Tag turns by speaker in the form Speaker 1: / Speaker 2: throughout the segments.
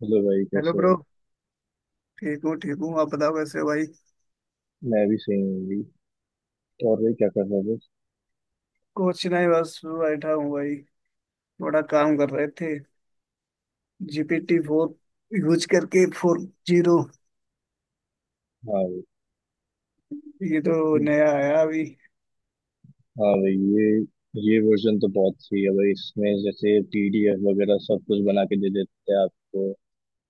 Speaker 1: Hello भाई,
Speaker 2: hello
Speaker 1: कैसे हो।
Speaker 2: ब्रो। ठीक हूँ ठीक हूँ, आप बताओ कैसे हो भाई।
Speaker 1: मैं भी सही हूँ भाई। और भाई क्या कर रहा था।
Speaker 2: कुछ नहीं बस बैठा हूँ भाई। थोड़ा काम कर रहे थे। जीपीटी 4 यूज करके, 4o।
Speaker 1: हाँ भाई।
Speaker 2: ये तो नया आया अभी।
Speaker 1: हाँ भाई, ये वर्जन तो बहुत सही है भाई, इसमें जैसे पीडीएफ वगैरह सब कुछ बना के दे देते हैं आपको।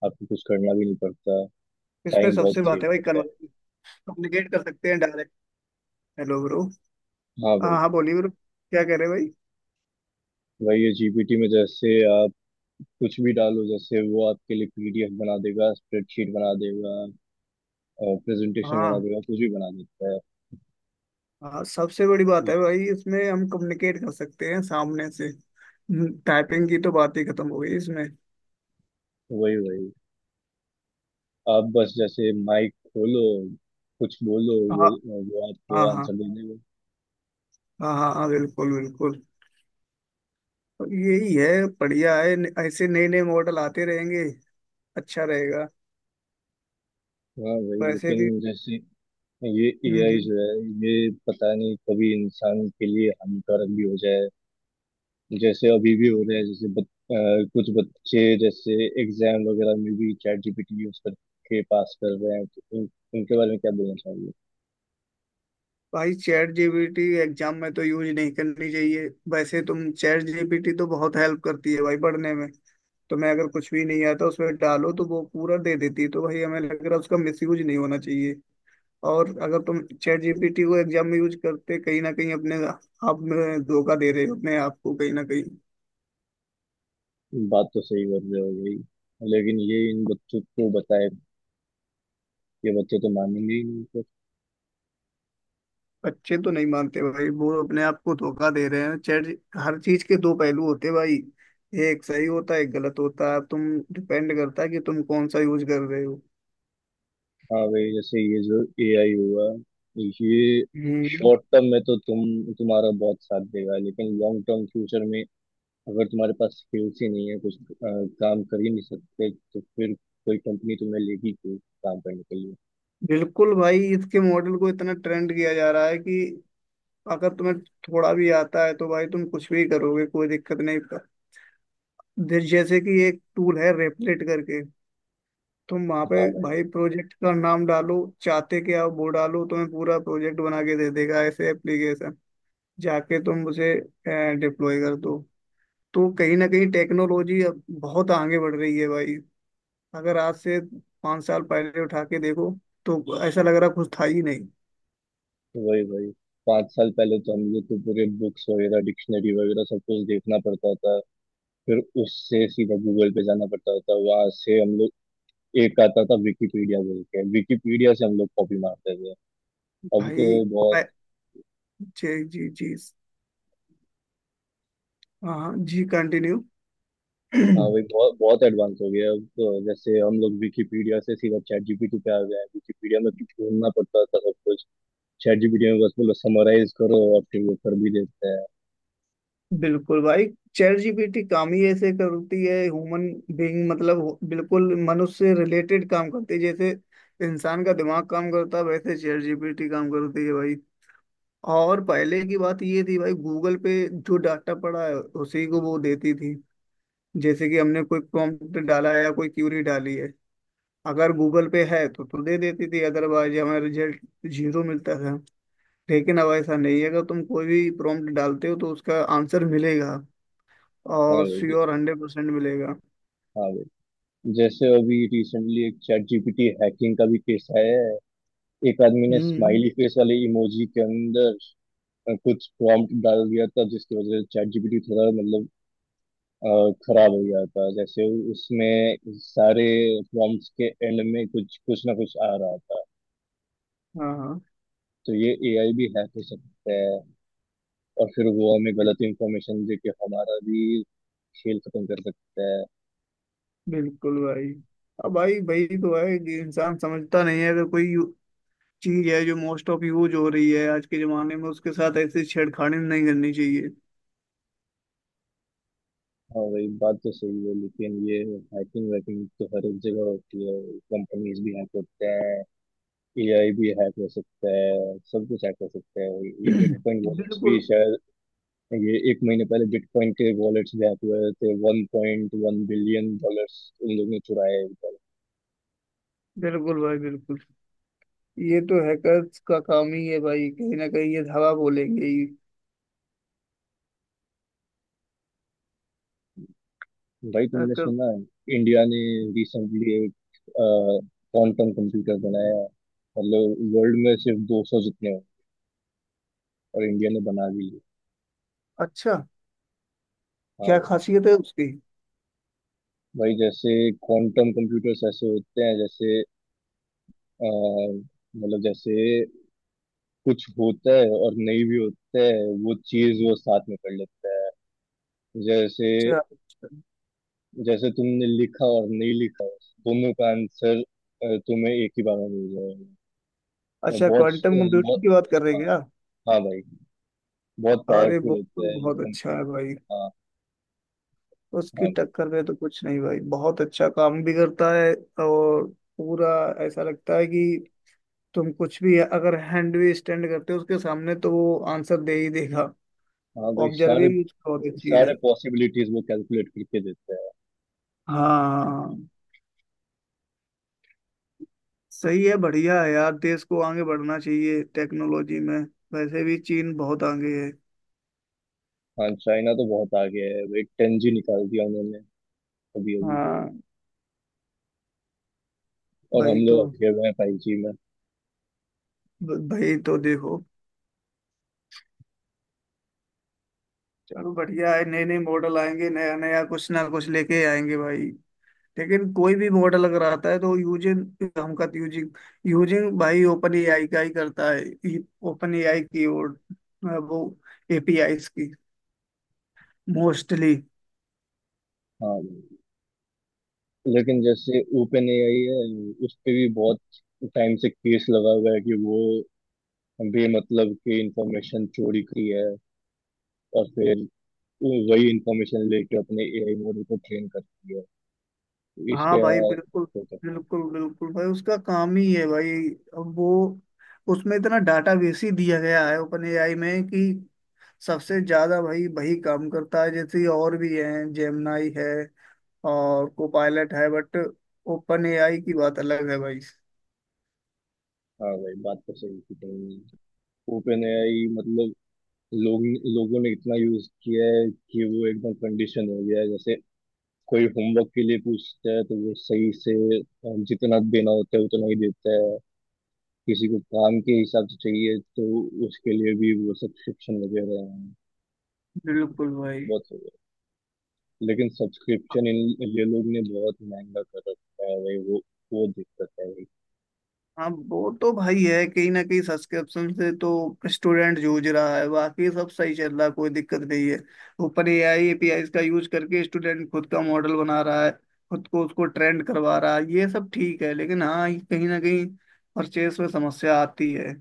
Speaker 1: आपको कुछ करना भी नहीं पड़ता।
Speaker 2: इसमें
Speaker 1: टाइम बहुत
Speaker 2: सबसे बात
Speaker 1: सेव
Speaker 2: है भाई,
Speaker 1: करता है।
Speaker 2: कम्युनिकेट कर सकते हैं डायरेक्ट। Hello bro.
Speaker 1: हाँ
Speaker 2: हाँ
Speaker 1: भाई,
Speaker 2: हाँ, बोलिए ब्रो, क्या कह रहे हैं भाई।
Speaker 1: भाई ये जीपीटी में जैसे आप कुछ भी डालो, जैसे वो आपके लिए पीडीएफ बना देगा, स्प्रेडशीट बना देगा, प्रेजेंटेशन बना
Speaker 2: हाँ
Speaker 1: देगा, कुछ भी बना देता है
Speaker 2: हाँ, सबसे बड़ी बात
Speaker 1: ये।
Speaker 2: है भाई इसमें हम कम्युनिकेट कर सकते हैं सामने से। टाइपिंग की तो बात ही खत्म हो गई इसमें।
Speaker 1: वही वही, आप बस जैसे माइक खोलो, कुछ बोलो,
Speaker 2: हाँ
Speaker 1: वो
Speaker 2: हाँ
Speaker 1: आपको
Speaker 2: हाँ
Speaker 1: आंसर देने में।
Speaker 2: हाँ हाँ हाँ, बिल्कुल बिल्कुल। तो यही है, बढ़िया है ऐसे नए नए मॉडल आते रहेंगे, अच्छा रहेगा।
Speaker 1: हाँ वही,
Speaker 2: वैसे
Speaker 1: लेकिन
Speaker 2: भी।
Speaker 1: जैसे ये
Speaker 2: हम्म
Speaker 1: एआई
Speaker 2: हम्म।
Speaker 1: जो है, ये पता नहीं कभी इंसान के लिए हानिकारक भी हो जाए। जैसे अभी भी हो रहा है, जैसे कुछ बच्चे जैसे एग्जाम वगैरह में भी चैट जीपीटी यूज करके पास कर रहे हैं, तो उनके बारे में क्या बोलना चाहिए।
Speaker 2: भाई चैट जीपीटी एग्जाम में तो यूज नहीं करनी चाहिए। वैसे तुम, चैट जीपीटी तो बहुत हेल्प करती है भाई पढ़ने में। तुम्हें अगर कुछ भी नहीं आता, उसमें डालो तो वो पूरा दे देती है, तो भाई हमें लग रहा है उसका मिस यूज नहीं होना चाहिए। और अगर तुम चैट जीपीटी को एग्जाम में यूज करते, कहीं ना कहीं अपने आप में धोखा दे रहे हो, अपने आप को कहीं ना कहीं।
Speaker 1: बात तो सही कर रहे हो भाई, लेकिन ये इन बच्चों को बताए, ये बच्चे तो मानेंगे ही नहीं।
Speaker 2: बच्चे तो नहीं मानते भाई, वो अपने आप को धोखा दे रहे हैं चैट। हर चीज के दो पहलू होते हैं भाई। एक सही होता है एक गलत होता है, अब तुम डिपेंड करता है कि तुम कौन सा यूज कर रहे हो।
Speaker 1: हाँ भाई, जैसे ये जो एआई हुआ, ये
Speaker 2: हम्म।
Speaker 1: शॉर्ट टर्म में तो तुम्हारा बहुत साथ देगा, लेकिन लॉन्ग टर्म फ्यूचर में अगर तुम्हारे पास स्किल्स ही नहीं है, कुछ काम कर ही नहीं सकते, तो फिर कोई कंपनी तुम्हें लेगी क्यों काम करने के लिए।
Speaker 2: बिल्कुल भाई, इसके मॉडल को इतना ट्रेंड किया जा रहा है कि अगर तुम्हें थोड़ा भी आता है तो भाई तुम कुछ भी करोगे, कोई दिक्कत नहीं। पर जैसे कि एक टूल है रेपलेट करके, तुम वहां पे
Speaker 1: हाँ भाई।
Speaker 2: भाई प्रोजेक्ट का नाम डालो, चाहते क्या हो वो डालो, तुम्हें पूरा प्रोजेक्ट बना के दे देगा। ऐसे एप्लीकेशन जाके तुम उसे डिप्लॉय कर दो। तो कहीं ना कहीं टेक्नोलॉजी अब बहुत आगे बढ़ रही है भाई। अगर आज से 5 साल पहले उठा के देखो, तो ऐसा लग रहा कुछ था ही नहीं।
Speaker 1: वही वही, 5 साल पहले तो हम लोग को पूरे बुक्स वगैरह डिक्शनरी वगैरह सब कुछ देखना पड़ता था। फिर उससे सीधा गूगल पे जाना पड़ता था, वहां से हम लोग, एक आता था विकिपीडिया बोल के, विकिपीडिया से हम लोग कॉपी मारते थे। अब
Speaker 2: भाई
Speaker 1: तो बहुत,
Speaker 2: अ- जी जी जी। हाँ हाँ, जी कंटिन्यू।
Speaker 1: हाँ वही, बहुत बहुत एडवांस हो गया है। अब तो जैसे हम लोग विकिपीडिया से सीधा चैट जीपीटी पे आ गए हैं। विकिपीडिया में कुछ ढूंढना पड़ता था सब कुछ, चैट जीपीटी में बस बोलो समराइज करो और फिर वो कर भी देते हैं।
Speaker 2: बिल्कुल भाई, चैट जीपीटी काम ही ऐसे करती है। ह्यूमन बीइंग मतलब बिल्कुल मनुष्य से रिलेटेड काम करती है, जैसे इंसान का दिमाग काम करता है वैसे चैट जीपीटी काम करती है। और पहले की बात ये थी भाई, गूगल पे जो डाटा पड़ा है उसी को वो देती थी। जैसे कि हमने कोई प्रॉम्प्ट डाला है या कोई क्यूरी डाली है, अगर गूगल पे है तो दे देती थी, अदरवाइज हमारा रिजल्ट 0 मिलता था। लेकिन अब ऐसा नहीं है, अगर तुम कोई भी प्रॉम्प्ट डालते हो तो उसका आंसर मिलेगा,
Speaker 1: हाँ
Speaker 2: और
Speaker 1: भाई जी।
Speaker 2: श्योर 100% मिलेगा।
Speaker 1: हाँ भाई, जैसे अभी रिसेंटली एक चैट जीपीटी हैकिंग का भी केस आया है। एक आदमी ने
Speaker 2: हम्म।
Speaker 1: स्माइली फेस वाले इमोजी के अंदर कुछ प्रॉम्प्ट डाल दिया था, जिसकी वजह से चैट जीपीटी थोड़ा मतलब खराब हो गया था। जैसे उसमें सारे प्रॉम्प्ट्स के एंड में कुछ कुछ ना कुछ आ रहा था।
Speaker 2: हाँ हाँ।
Speaker 1: तो ये एआई भी हैक हो सकता है, और फिर वो हमें गलत इंफॉर्मेशन दे के हमारा भी खेल खत्म कर सकता है।
Speaker 2: बिल्कुल भाई। अब भाई भाई तो है कि इंसान समझता नहीं है, अगर कोई चीज है जो मोस्ट ऑफ यूज हो रही है आज के जमाने में, उसके साथ ऐसी छेड़खानी नहीं करनी चाहिए।
Speaker 1: हाँ वही, बात तो सही है, लेकिन ये हैकिंग वैकिंग तो हर एक जगह होती है। कंपनीज भी हैक होते हैं, एआई भी हैक हो सकता है, सब कुछ हैक हो सकता है। ये बिटकॉइन वॉलेट्स भी
Speaker 2: बिल्कुल
Speaker 1: शायद, ये एक महीने पहले बिटकॉइन के वॉलेट्स भी हैक हुए थे, $1.1 बिलियन उन लोगों ने चुराए।
Speaker 2: बिल्कुल भाई बिल्कुल। ये तो हैकर्स का काम ही है भाई, कहीं ना कहीं ये धावा बोलेंगे ही।
Speaker 1: भाई तुमने
Speaker 2: Hacker-
Speaker 1: सुना है, इंडिया ने रिसेंटली एक क्वांटम कंप्यूटर बनाया। मतलब वर्ल्ड में सिर्फ 200 जितने हैं, और इंडिया ने बना भी लिए।
Speaker 2: अच्छा।
Speaker 1: हाँ
Speaker 2: क्या
Speaker 1: भाई।
Speaker 2: खासियत है उसकी।
Speaker 1: भाई जैसे क्वांटम कंप्यूटर्स ऐसे होते हैं, जैसे अ, मतलब जैसे कुछ होता है और नहीं भी होता है, वो चीज वो साथ में कर लेता है। जैसे,
Speaker 2: अच्छा।
Speaker 1: जैसे तुमने लिखा और नहीं लिखा, दोनों का आंसर तुम्हें एक ही बार में मिल जाएगा। और
Speaker 2: अच्छा,
Speaker 1: बहुत
Speaker 2: क्वांटम कंप्यूटिंग
Speaker 1: बहुत,
Speaker 2: की बात कर रहे
Speaker 1: हाँ।
Speaker 2: हैं क्या।
Speaker 1: हाँ भाई, बहुत
Speaker 2: अरे
Speaker 1: पावरफुल
Speaker 2: वो तो
Speaker 1: होता है ये
Speaker 2: बहुत
Speaker 1: सब।
Speaker 2: अच्छा है भाई।
Speaker 1: हाँ हाँ
Speaker 2: उसकी
Speaker 1: भाई।
Speaker 2: टक्कर में तो कुछ नहीं भाई, बहुत अच्छा काम भी करता है। और पूरा ऐसा लगता है कि तुम कुछ भी अगर हैंड भी स्टैंड करते हो उसके सामने, तो वो आंसर दे ही देगा।
Speaker 1: हाँ भाई, सारे
Speaker 2: ऑब्जर्विंग उसकी बहुत अच्छी है।
Speaker 1: सारे पॉसिबिलिटीज वो कैलकुलेट करके देते हैं।
Speaker 2: हाँ, सही है, बढ़िया है यार, देश को आगे बढ़ना चाहिए टेक्नोलॉजी में। वैसे भी चीन बहुत आगे है।
Speaker 1: हाँ चाइना तो बहुत आगे है भाई, 10G निकाल दिया उन्होंने अभी अभी।
Speaker 2: हाँ।
Speaker 1: और
Speaker 2: भाई
Speaker 1: हम
Speaker 2: तो
Speaker 1: लोग अटके हुए हैं 5G में।
Speaker 2: भाई तो देखो, चलो बढ़िया है, नए नए मॉडल आएंगे, नया नया कुछ ना कुछ लेके आएंगे भाई। लेकिन कोई भी मॉडल अगर आता है तो यूजिन हमका यूजिंग यूजिंग भाई ओपन एआई का ही करता है। ओपन एआई की, और वो एपीआई की, मोस्टली।
Speaker 1: हाँ भाई, लेकिन जैसे ओपन ए आई है, उस पे भी बहुत टाइम से केस लगा हुआ है कि वो बेमतलब की इंफॉर्मेशन चोरी की है, और फिर वही इंफॉर्मेशन लेके अपने ए आई मॉडल को ट्रेन करती है
Speaker 2: हाँ
Speaker 1: इसके।
Speaker 2: भाई बिल्कुल। बिल्कुल बिल्कुल भाई, उसका काम ही है भाई। अब वो, उसमें इतना डाटाबेस ही दिया गया है ओपन एआई में कि सबसे ज्यादा भाई वही काम करता है। जैसे और भी हैं, जेमनाई है और कोपायलट है, बट ओपन एआई की बात अलग है भाई।
Speaker 1: हाँ भाई, बात तो सही की तुमने। ओपन एआई मतलब लोग लोगों ने इतना यूज किया है कि वो एकदम कंडीशन हो गया है। जैसे कोई होमवर्क के लिए पूछता है तो वो सही से, जितना देना होता है उतना ही देता है। किसी को काम के हिसाब से चाहिए तो उसके लिए भी वो सब्सक्रिप्शन वगैरह हैं।
Speaker 2: बिल्कुल भाई।
Speaker 1: बहुत हो गया, लेकिन सब्सक्रिप्शन इन, ये लोग ने बहुत महंगा कर रखा है भाई, वो दिक्कत है भाई।
Speaker 2: हाँ वो तो भाई है, कहीं ना कहीं सब्सक्रिप्शन से तो स्टूडेंट जूझ रहा है, बाकी सब सही चल रहा है, कोई दिक्कत नहीं है। ऊपर एआई एपीआई का यूज करके स्टूडेंट खुद का मॉडल बना रहा है, खुद को उसको ट्रेंड करवा रहा है, ये सब ठीक है। लेकिन हाँ ये कहीं ना कहीं परचेस में समस्या आती है,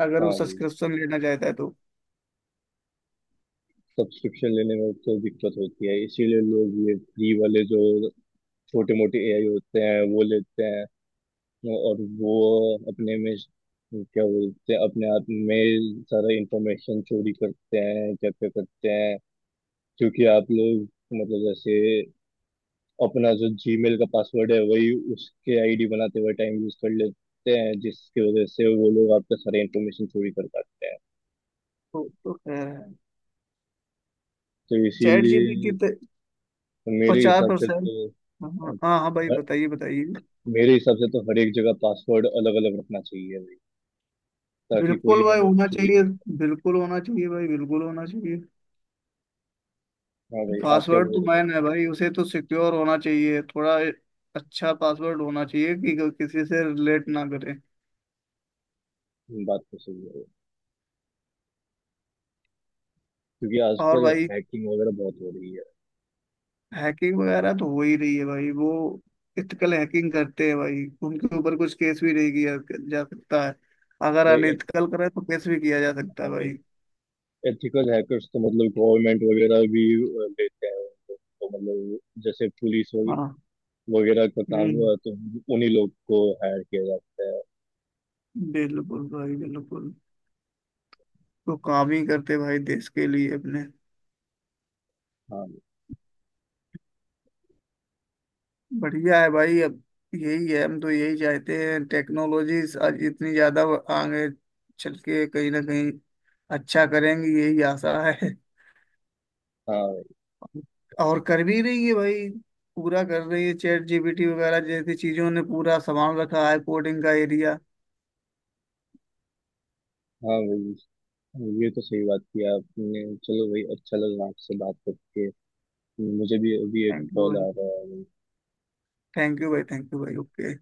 Speaker 2: अगर वो
Speaker 1: हाँ भाई,
Speaker 2: सब्सक्रिप्शन लेना चाहता है तो।
Speaker 1: सब्सक्रिप्शन लेने में तो दिक्कत होती है, इसीलिए लोग ये फ्री वाले जो छोटे मोटे एआई होते हैं वो लेते हैं। और वो अपने में क्या बोलते हैं, अपने आप में सारा इंफॉर्मेशन चोरी करते हैं, क्या क्या करते हैं। क्योंकि आप लोग मतलब जैसे अपना जो जीमेल का पासवर्ड है वही उसके आईडी बनाते हुए टाइम यूज कर लेते हैं, जिसकी वजह से वो लोग आपका सारा इंफॉर्मेशन चोरी कर पाते हैं।
Speaker 2: तो खैर है।
Speaker 1: तो
Speaker 2: चैट
Speaker 1: इसीलिए
Speaker 2: जीपीटी तो
Speaker 1: मेरे
Speaker 2: पचास
Speaker 1: हिसाब से
Speaker 2: परसेंट
Speaker 1: तो
Speaker 2: हाँ। हाँ हाँ भाई,
Speaker 1: हर-
Speaker 2: बताइए बताइए।
Speaker 1: मेरे हिसाब से तो हर एक जगह पासवर्ड अलग अलग रखना चाहिए भाई, ताकि कोई
Speaker 2: बिल्कुल भाई
Speaker 1: मतलब
Speaker 2: होना
Speaker 1: चोरी।
Speaker 2: चाहिए, बिल्कुल होना चाहिए भाई, बिल्कुल होना चाहिए।
Speaker 1: हाँ भाई, आपके
Speaker 2: पासवर्ड
Speaker 1: बोल
Speaker 2: तो
Speaker 1: रहे थे।
Speaker 2: मैन है भाई, उसे तो सिक्योर होना चाहिए थोड़ा। अच्छा पासवर्ड होना चाहिए कि किसी से रिलेट ना करे।
Speaker 1: बात तो सही है, क्योंकि
Speaker 2: और
Speaker 1: आजकल
Speaker 2: भाई
Speaker 1: हैकिंग वगैरह बहुत हो रही है।
Speaker 2: हैकिंग वगैरह तो हो ही रही है भाई, वो इथिकल हैकिंग करते हैं भाई, उनके ऊपर कुछ केस भी नहीं किया जा सकता है। अगर
Speaker 1: भाई एथ,
Speaker 2: अनएथिकल करे तो केस भी किया जा सकता
Speaker 1: हाँ
Speaker 2: है
Speaker 1: भाई,
Speaker 2: भाई।
Speaker 1: एथिकल हैकर्स तो मतलब गवर्नमेंट वगैरह भी लेते हैं उनको, तो मतलब जैसे
Speaker 2: हाँ।
Speaker 1: वगैरह का काम
Speaker 2: हम्म।
Speaker 1: हुआ तो उन्हीं लोग को हायर किया जाता है।
Speaker 2: बिल्कुल भाई बिल्कुल, तो काम ही करते भाई देश के लिए अपने।
Speaker 1: हाँ भाई।
Speaker 2: बढ़िया है भाई। अब यही है, हम तो यही चाहते हैं, टेक्नोलॉजीज आज इतनी ज्यादा आगे चल के कहीं ना कहीं अच्छा करेंगी, यही आशा है।
Speaker 1: हाँ
Speaker 2: और कर भी रही है भाई, पूरा कर रही है। चैट जीपीटी वगैरह जैसी चीजों ने पूरा संभाल रखा है कोडिंग का एरिया।
Speaker 1: भाई, हाँ भाई, ये तो सही बात किया आपने। चलो भाई, अच्छा लगा आपसे बात करके, मुझे भी अभी एक
Speaker 2: थैंक यू
Speaker 1: कॉल
Speaker 2: भाई,
Speaker 1: आ रहा है। हाँ।
Speaker 2: थैंक यू भाई, थैंक यू भाई, ओके।